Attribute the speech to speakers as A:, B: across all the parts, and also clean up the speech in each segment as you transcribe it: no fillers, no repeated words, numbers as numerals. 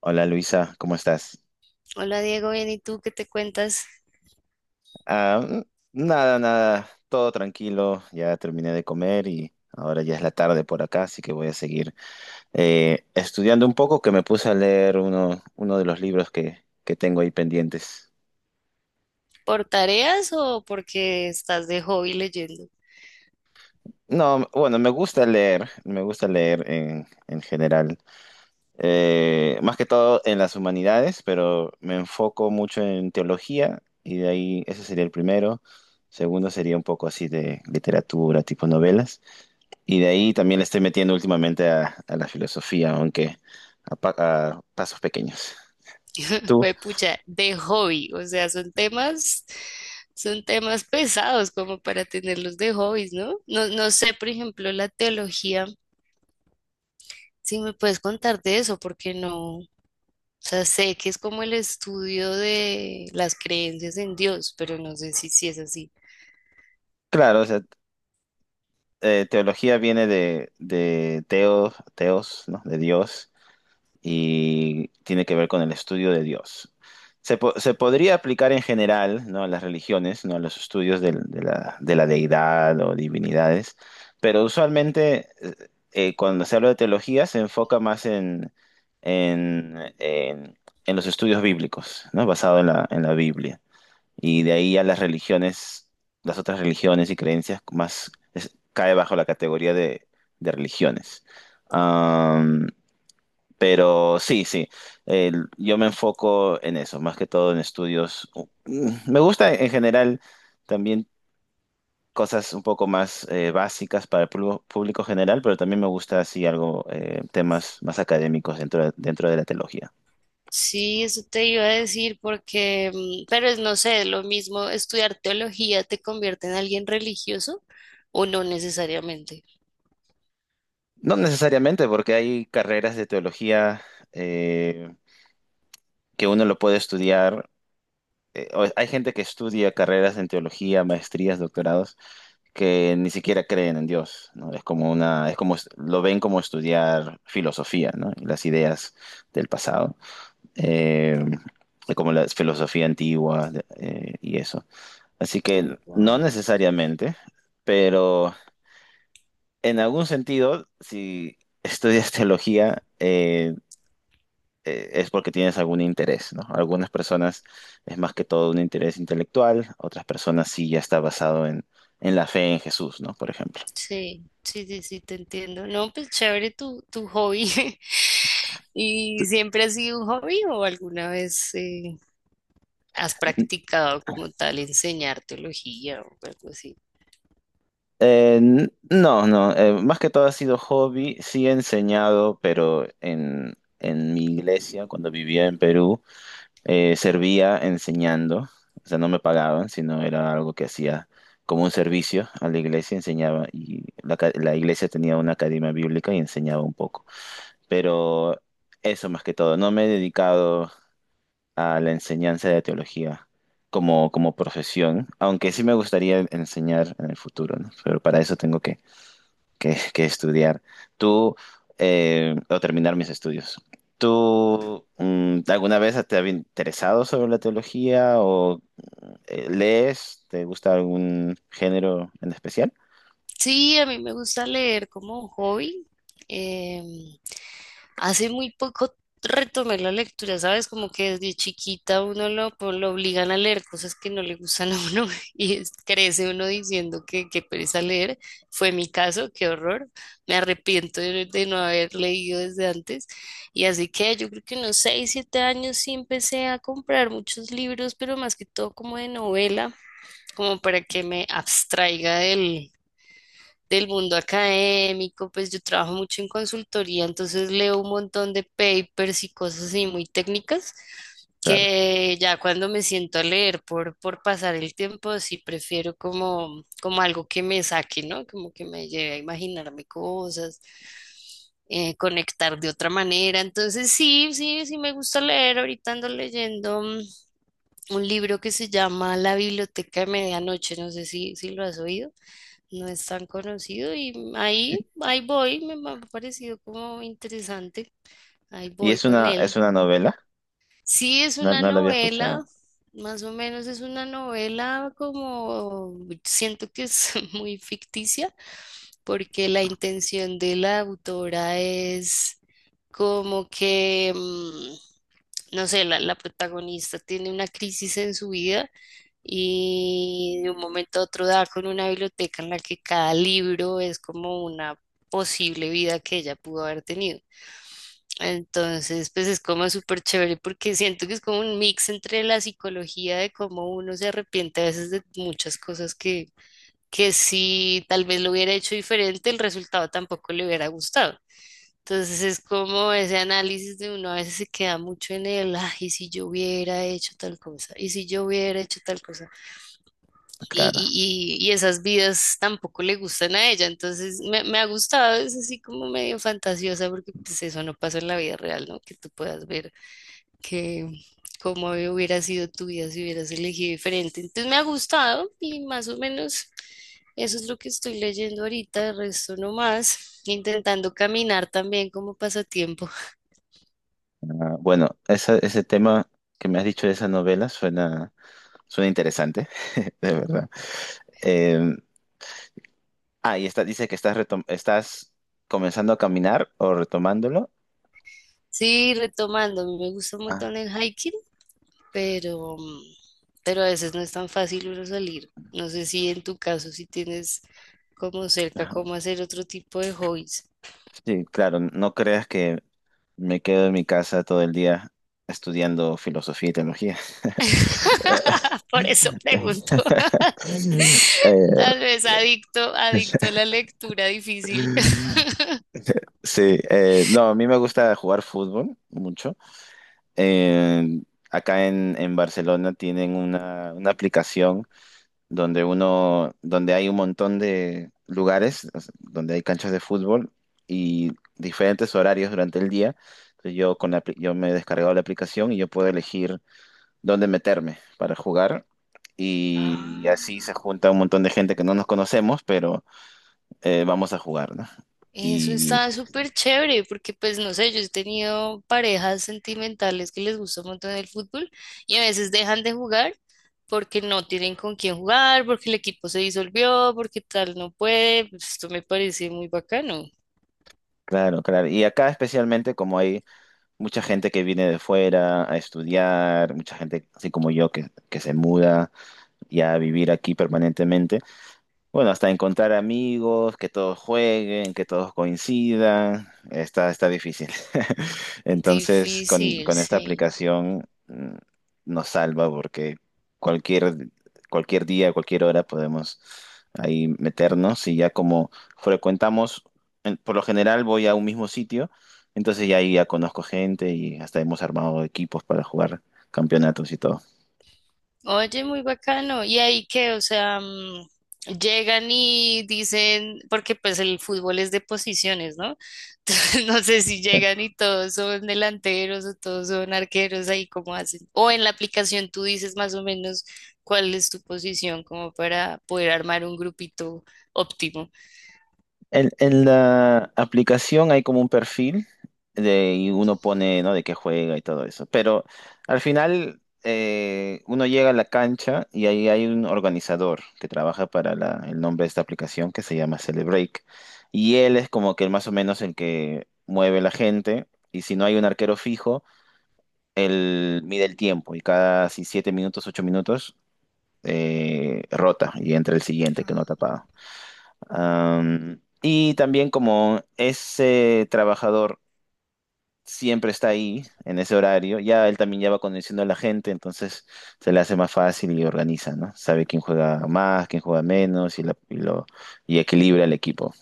A: Hola Luisa, ¿cómo estás?
B: Hola Diego, bien, ¿y tú qué te cuentas?
A: Ah, nada, nada, todo tranquilo, ya terminé de comer y ahora ya es la tarde por acá, así que voy a seguir estudiando un poco, que me puse a leer uno de los libros que tengo ahí pendientes.
B: ¿Por tareas o porque estás de hobby leyendo?
A: No, bueno, me gusta leer en general, más que todo en las humanidades, pero me enfoco mucho en teología y de ahí ese sería el primero. Segundo sería un poco así de literatura, tipo novelas. Y de ahí también le estoy metiendo últimamente a la filosofía, aunque a pasos pequeños. Tú,
B: Pues pucha, de hobby, o sea, son temas pesados como para tenerlos de hobbies, ¿no? No, no sé, por ejemplo, la teología, si me puedes contar de eso, porque no, o sea, sé que es como el estudio de las creencias en Dios, pero no sé si es así.
A: claro, o sea, teología viene de Teos, ¿no? De Dios. Y tiene que ver con el estudio de Dios. Se podría aplicar en general, ¿no? A las religiones, ¿no? A los estudios de la deidad o divinidades, pero usualmente cuando se habla de teología se enfoca más en, en- en los estudios bíblicos, ¿no? Basado en la Biblia. Y de ahí a las religiones, las otras religiones y creencias más cae bajo la categoría de religiones. Pero sí, sí, yo me enfoco en eso, más que todo en estudios. Me gusta en general también cosas un poco más básicas para el público general, pero también me gusta así algo, temas más académicos dentro de la teología.
B: Sí, eso te iba a decir porque, pero es, no sé, lo mismo, estudiar teología te convierte en alguien religioso o no necesariamente.
A: No necesariamente, porque hay carreras de teología eh, que uno lo puede estudiar. O hay gente que estudia carreras en teología, maestrías, doctorados que ni siquiera creen en Dios, ¿no? Es como una, es como, lo ven como estudiar filosofía, ¿no? Y las ideas del pasado, eh, como la filosofía antigua, y eso. Así
B: Oh,
A: que no
B: wow.
A: necesariamente, pero en algún sentido, si estudias teología, es porque tienes algún interés, ¿no? Algunas personas es más que todo un interés intelectual, otras personas sí ya está basado en la fe en Jesús, ¿no? Por ejemplo.
B: Sí, sí, sí, sí, te entiendo. No, pues chévere tu hobby. ¿Y siempre ha sido un hobby o alguna vez has practicado como tal enseñar teología o algo así?
A: No, no, más que todo ha sido hobby, sí he enseñado, pero en mi iglesia, cuando vivía en Perú, servía enseñando, o sea, no me pagaban, sino era algo que hacía como un servicio a la iglesia, enseñaba, y la iglesia tenía una academia bíblica y enseñaba un poco, pero eso más que todo, no me he dedicado a la enseñanza de teología como profesión, aunque sí me gustaría enseñar en el futuro, ¿no? Pero para eso tengo que estudiar. Tú, o terminar mis estudios. ¿Tú alguna vez te has interesado sobre la teología o lees? ¿Te gusta algún género en especial?
B: Sí, a mí me gusta leer como hobby. Em, Hace muy poco retomé la lectura, ¿sabes? Como que desde chiquita uno lo obligan a leer cosas que no le gustan a uno y crece uno diciendo que pereza leer. Fue mi caso, qué horror. Me arrepiento de no haber leído desde antes. Y así que yo creo que unos 6, 7 años sí empecé a comprar muchos libros, pero más que todo como de novela, como para que me abstraiga del mundo académico, pues yo trabajo mucho en consultoría, entonces leo un montón de papers y cosas así muy técnicas,
A: Claro.
B: que ya cuando me siento a leer por pasar el tiempo, sí prefiero como algo que me saque, ¿no? Como que me lleve a imaginarme cosas, conectar de otra manera. Entonces sí, sí, sí me gusta leer. Ahorita ando leyendo un libro que se llama La Biblioteca de Medianoche, no sé si lo has oído. No es tan conocido y ahí voy, me ha parecido como interesante, ahí
A: Y
B: voy
A: es
B: con
A: una,
B: él.
A: es una novela,
B: Sí, es
A: no,
B: una
A: no la había escuchado.
B: novela, más o menos es una novela como, siento que es muy ficticia, porque la intención de la autora es como que no sé, la protagonista tiene una crisis en su vida y de un momento a otro da con una biblioteca en la que cada libro es como una posible vida que ella pudo haber tenido. Entonces, pues es como súper chévere porque siento que es como un mix entre la psicología de cómo uno se arrepiente a veces de muchas cosas que si tal vez lo hubiera hecho diferente, el resultado tampoco le hubiera gustado. Entonces es como ese análisis de uno a veces se queda mucho en el, ay, ¿y si yo hubiera hecho tal cosa, y si yo hubiera hecho tal cosa, y,
A: Claro.
B: y, y, y esas vidas tampoco le gustan a ella, entonces me ha gustado, es así como medio fantasiosa, porque pues eso no pasa en la vida real, ¿no? Que tú puedas ver que cómo hubiera sido tu vida si hubieras elegido diferente, entonces me ha gustado y más o menos. Eso es lo que estoy leyendo ahorita, el resto no más, intentando caminar también como pasatiempo.
A: Ah, bueno, ese tema que me has dicho de esa novela suena interesante, de verdad. Eh, y dice que estás comenzando a caminar o retomándolo.
B: Sí, retomando, a mí me gusta un montón
A: Ah.
B: el hiking, pero, mm, pero a veces no es tan fácil uno salir. No sé si en tu caso, si tienes como cerca
A: Ajá.
B: cómo hacer otro tipo de hobbies.
A: Sí, claro, no creas que me quedo en mi casa todo el día estudiando filosofía y teología.
B: Por eso pregunto.
A: Eh,
B: Tal vez adicto, adicto a la lectura difícil.
A: sí, no, a mí me gusta jugar fútbol mucho. Eh, acá en Barcelona tienen una aplicación donde donde hay un montón de lugares, o sea, donde hay canchas de fútbol y diferentes horarios durante el día. Entonces yo me he descargado la aplicación y yo puedo elegir dónde meterme para jugar. Y
B: Ah,
A: así se junta un montón de gente que no nos conocemos, pero vamos a jugar, ¿no?
B: eso
A: Y
B: está súper chévere porque pues no sé, yo he tenido parejas sentimentales que les gusta un montón el fútbol y a veces dejan de jugar porque no tienen con quién jugar, porque el equipo se disolvió, porque tal no puede. Pues, esto me parece muy bacano.
A: claro, claro. Y acá especialmente como hay mucha gente que viene de fuera a estudiar, mucha gente así como yo que se muda ya a vivir aquí permanentemente. Bueno, hasta encontrar amigos, que todos jueguen, que todos coincidan, está difícil. Entonces, con,
B: Difícil,
A: con esta
B: sí.
A: aplicación nos salva porque cualquier, cualquier día, cualquier hora podemos ahí meternos y ya como frecuentamos, por lo general voy a un mismo sitio, entonces ya ahí ya conozco gente y hasta hemos armado equipos para jugar campeonatos y todo.
B: Oye, muy bacano. ¿Y ahí qué? O sea, llegan y dicen, porque pues el fútbol es de posiciones, ¿no? Entonces, no sé si
A: Sí.
B: llegan y todos son delanteros o todos son arqueros, ahí cómo hacen. O en la aplicación tú dices más o menos cuál es tu posición como para poder armar un grupito óptimo.
A: En la aplicación hay como un perfil y uno pone, ¿no? De qué juega y todo eso. Pero al final uno llega a la cancha y ahí hay un organizador que trabaja para el nombre de esta aplicación que se llama Celebreak. Y él es como que más o menos el que mueve la gente. Y si no hay un arquero fijo, él mide el tiempo y cada si 7 minutos, 8 minutos, rota y entra el siguiente que no ha tapado. Y también como ese trabajador siempre está ahí en ese horario, ya él también ya va conociendo a la gente, entonces se le hace más fácil y organiza, ¿no? Sabe quién juega más, quién juega menos y equilibra el equipo.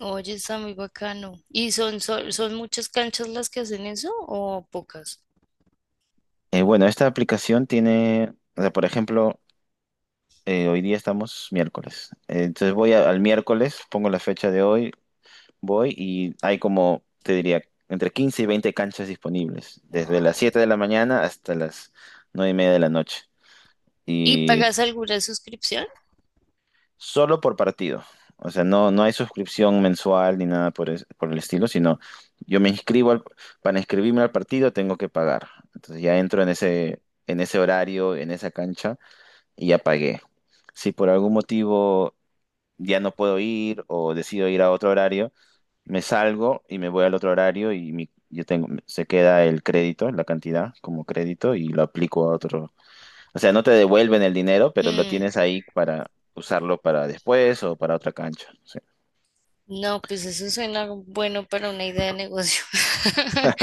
B: Oye, está muy bacano. ¿Y son muchas canchas las que hacen eso o pocas?
A: Bueno, esta aplicación tiene, o sea, por ejemplo, hoy día estamos miércoles. Entonces al miércoles, pongo la fecha de hoy. Voy y hay como, te diría, entre 15 y 20 canchas disponibles, desde las
B: Wow.
A: 7 de la mañana hasta las 9:30 de la noche.
B: ¿Y
A: Y
B: pagas alguna suscripción?
A: solo por partido. O sea, no, no hay suscripción mensual ni nada por el estilo, sino yo me inscribo para inscribirme al partido tengo que pagar. Entonces ya entro en ese horario, en esa cancha y ya pagué. Si por algún motivo ya no puedo ir o decido ir a otro horario, me salgo y me voy al otro horario y yo tengo, se queda el crédito, la cantidad como crédito y lo aplico a otro. O sea, no te devuelven el dinero, pero lo
B: Hmm,
A: tienes ahí para usarlo para después o para otra cancha. Sí,
B: no, pues eso suena bueno para una idea de negocio.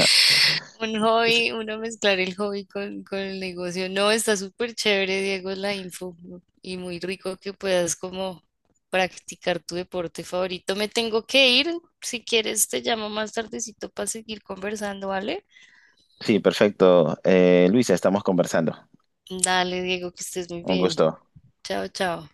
B: Un hobby, uno mezclar el hobby con el negocio. No, está súper chévere, Diego, la info y muy rico que puedas como practicar tu deporte favorito. Me tengo que ir. Si quieres, te llamo más tardecito para seguir conversando, ¿vale?
A: sí, perfecto. Luisa, estamos conversando.
B: Dale, Diego, que estés muy
A: Un
B: bien.
A: gusto.
B: Chao, chao.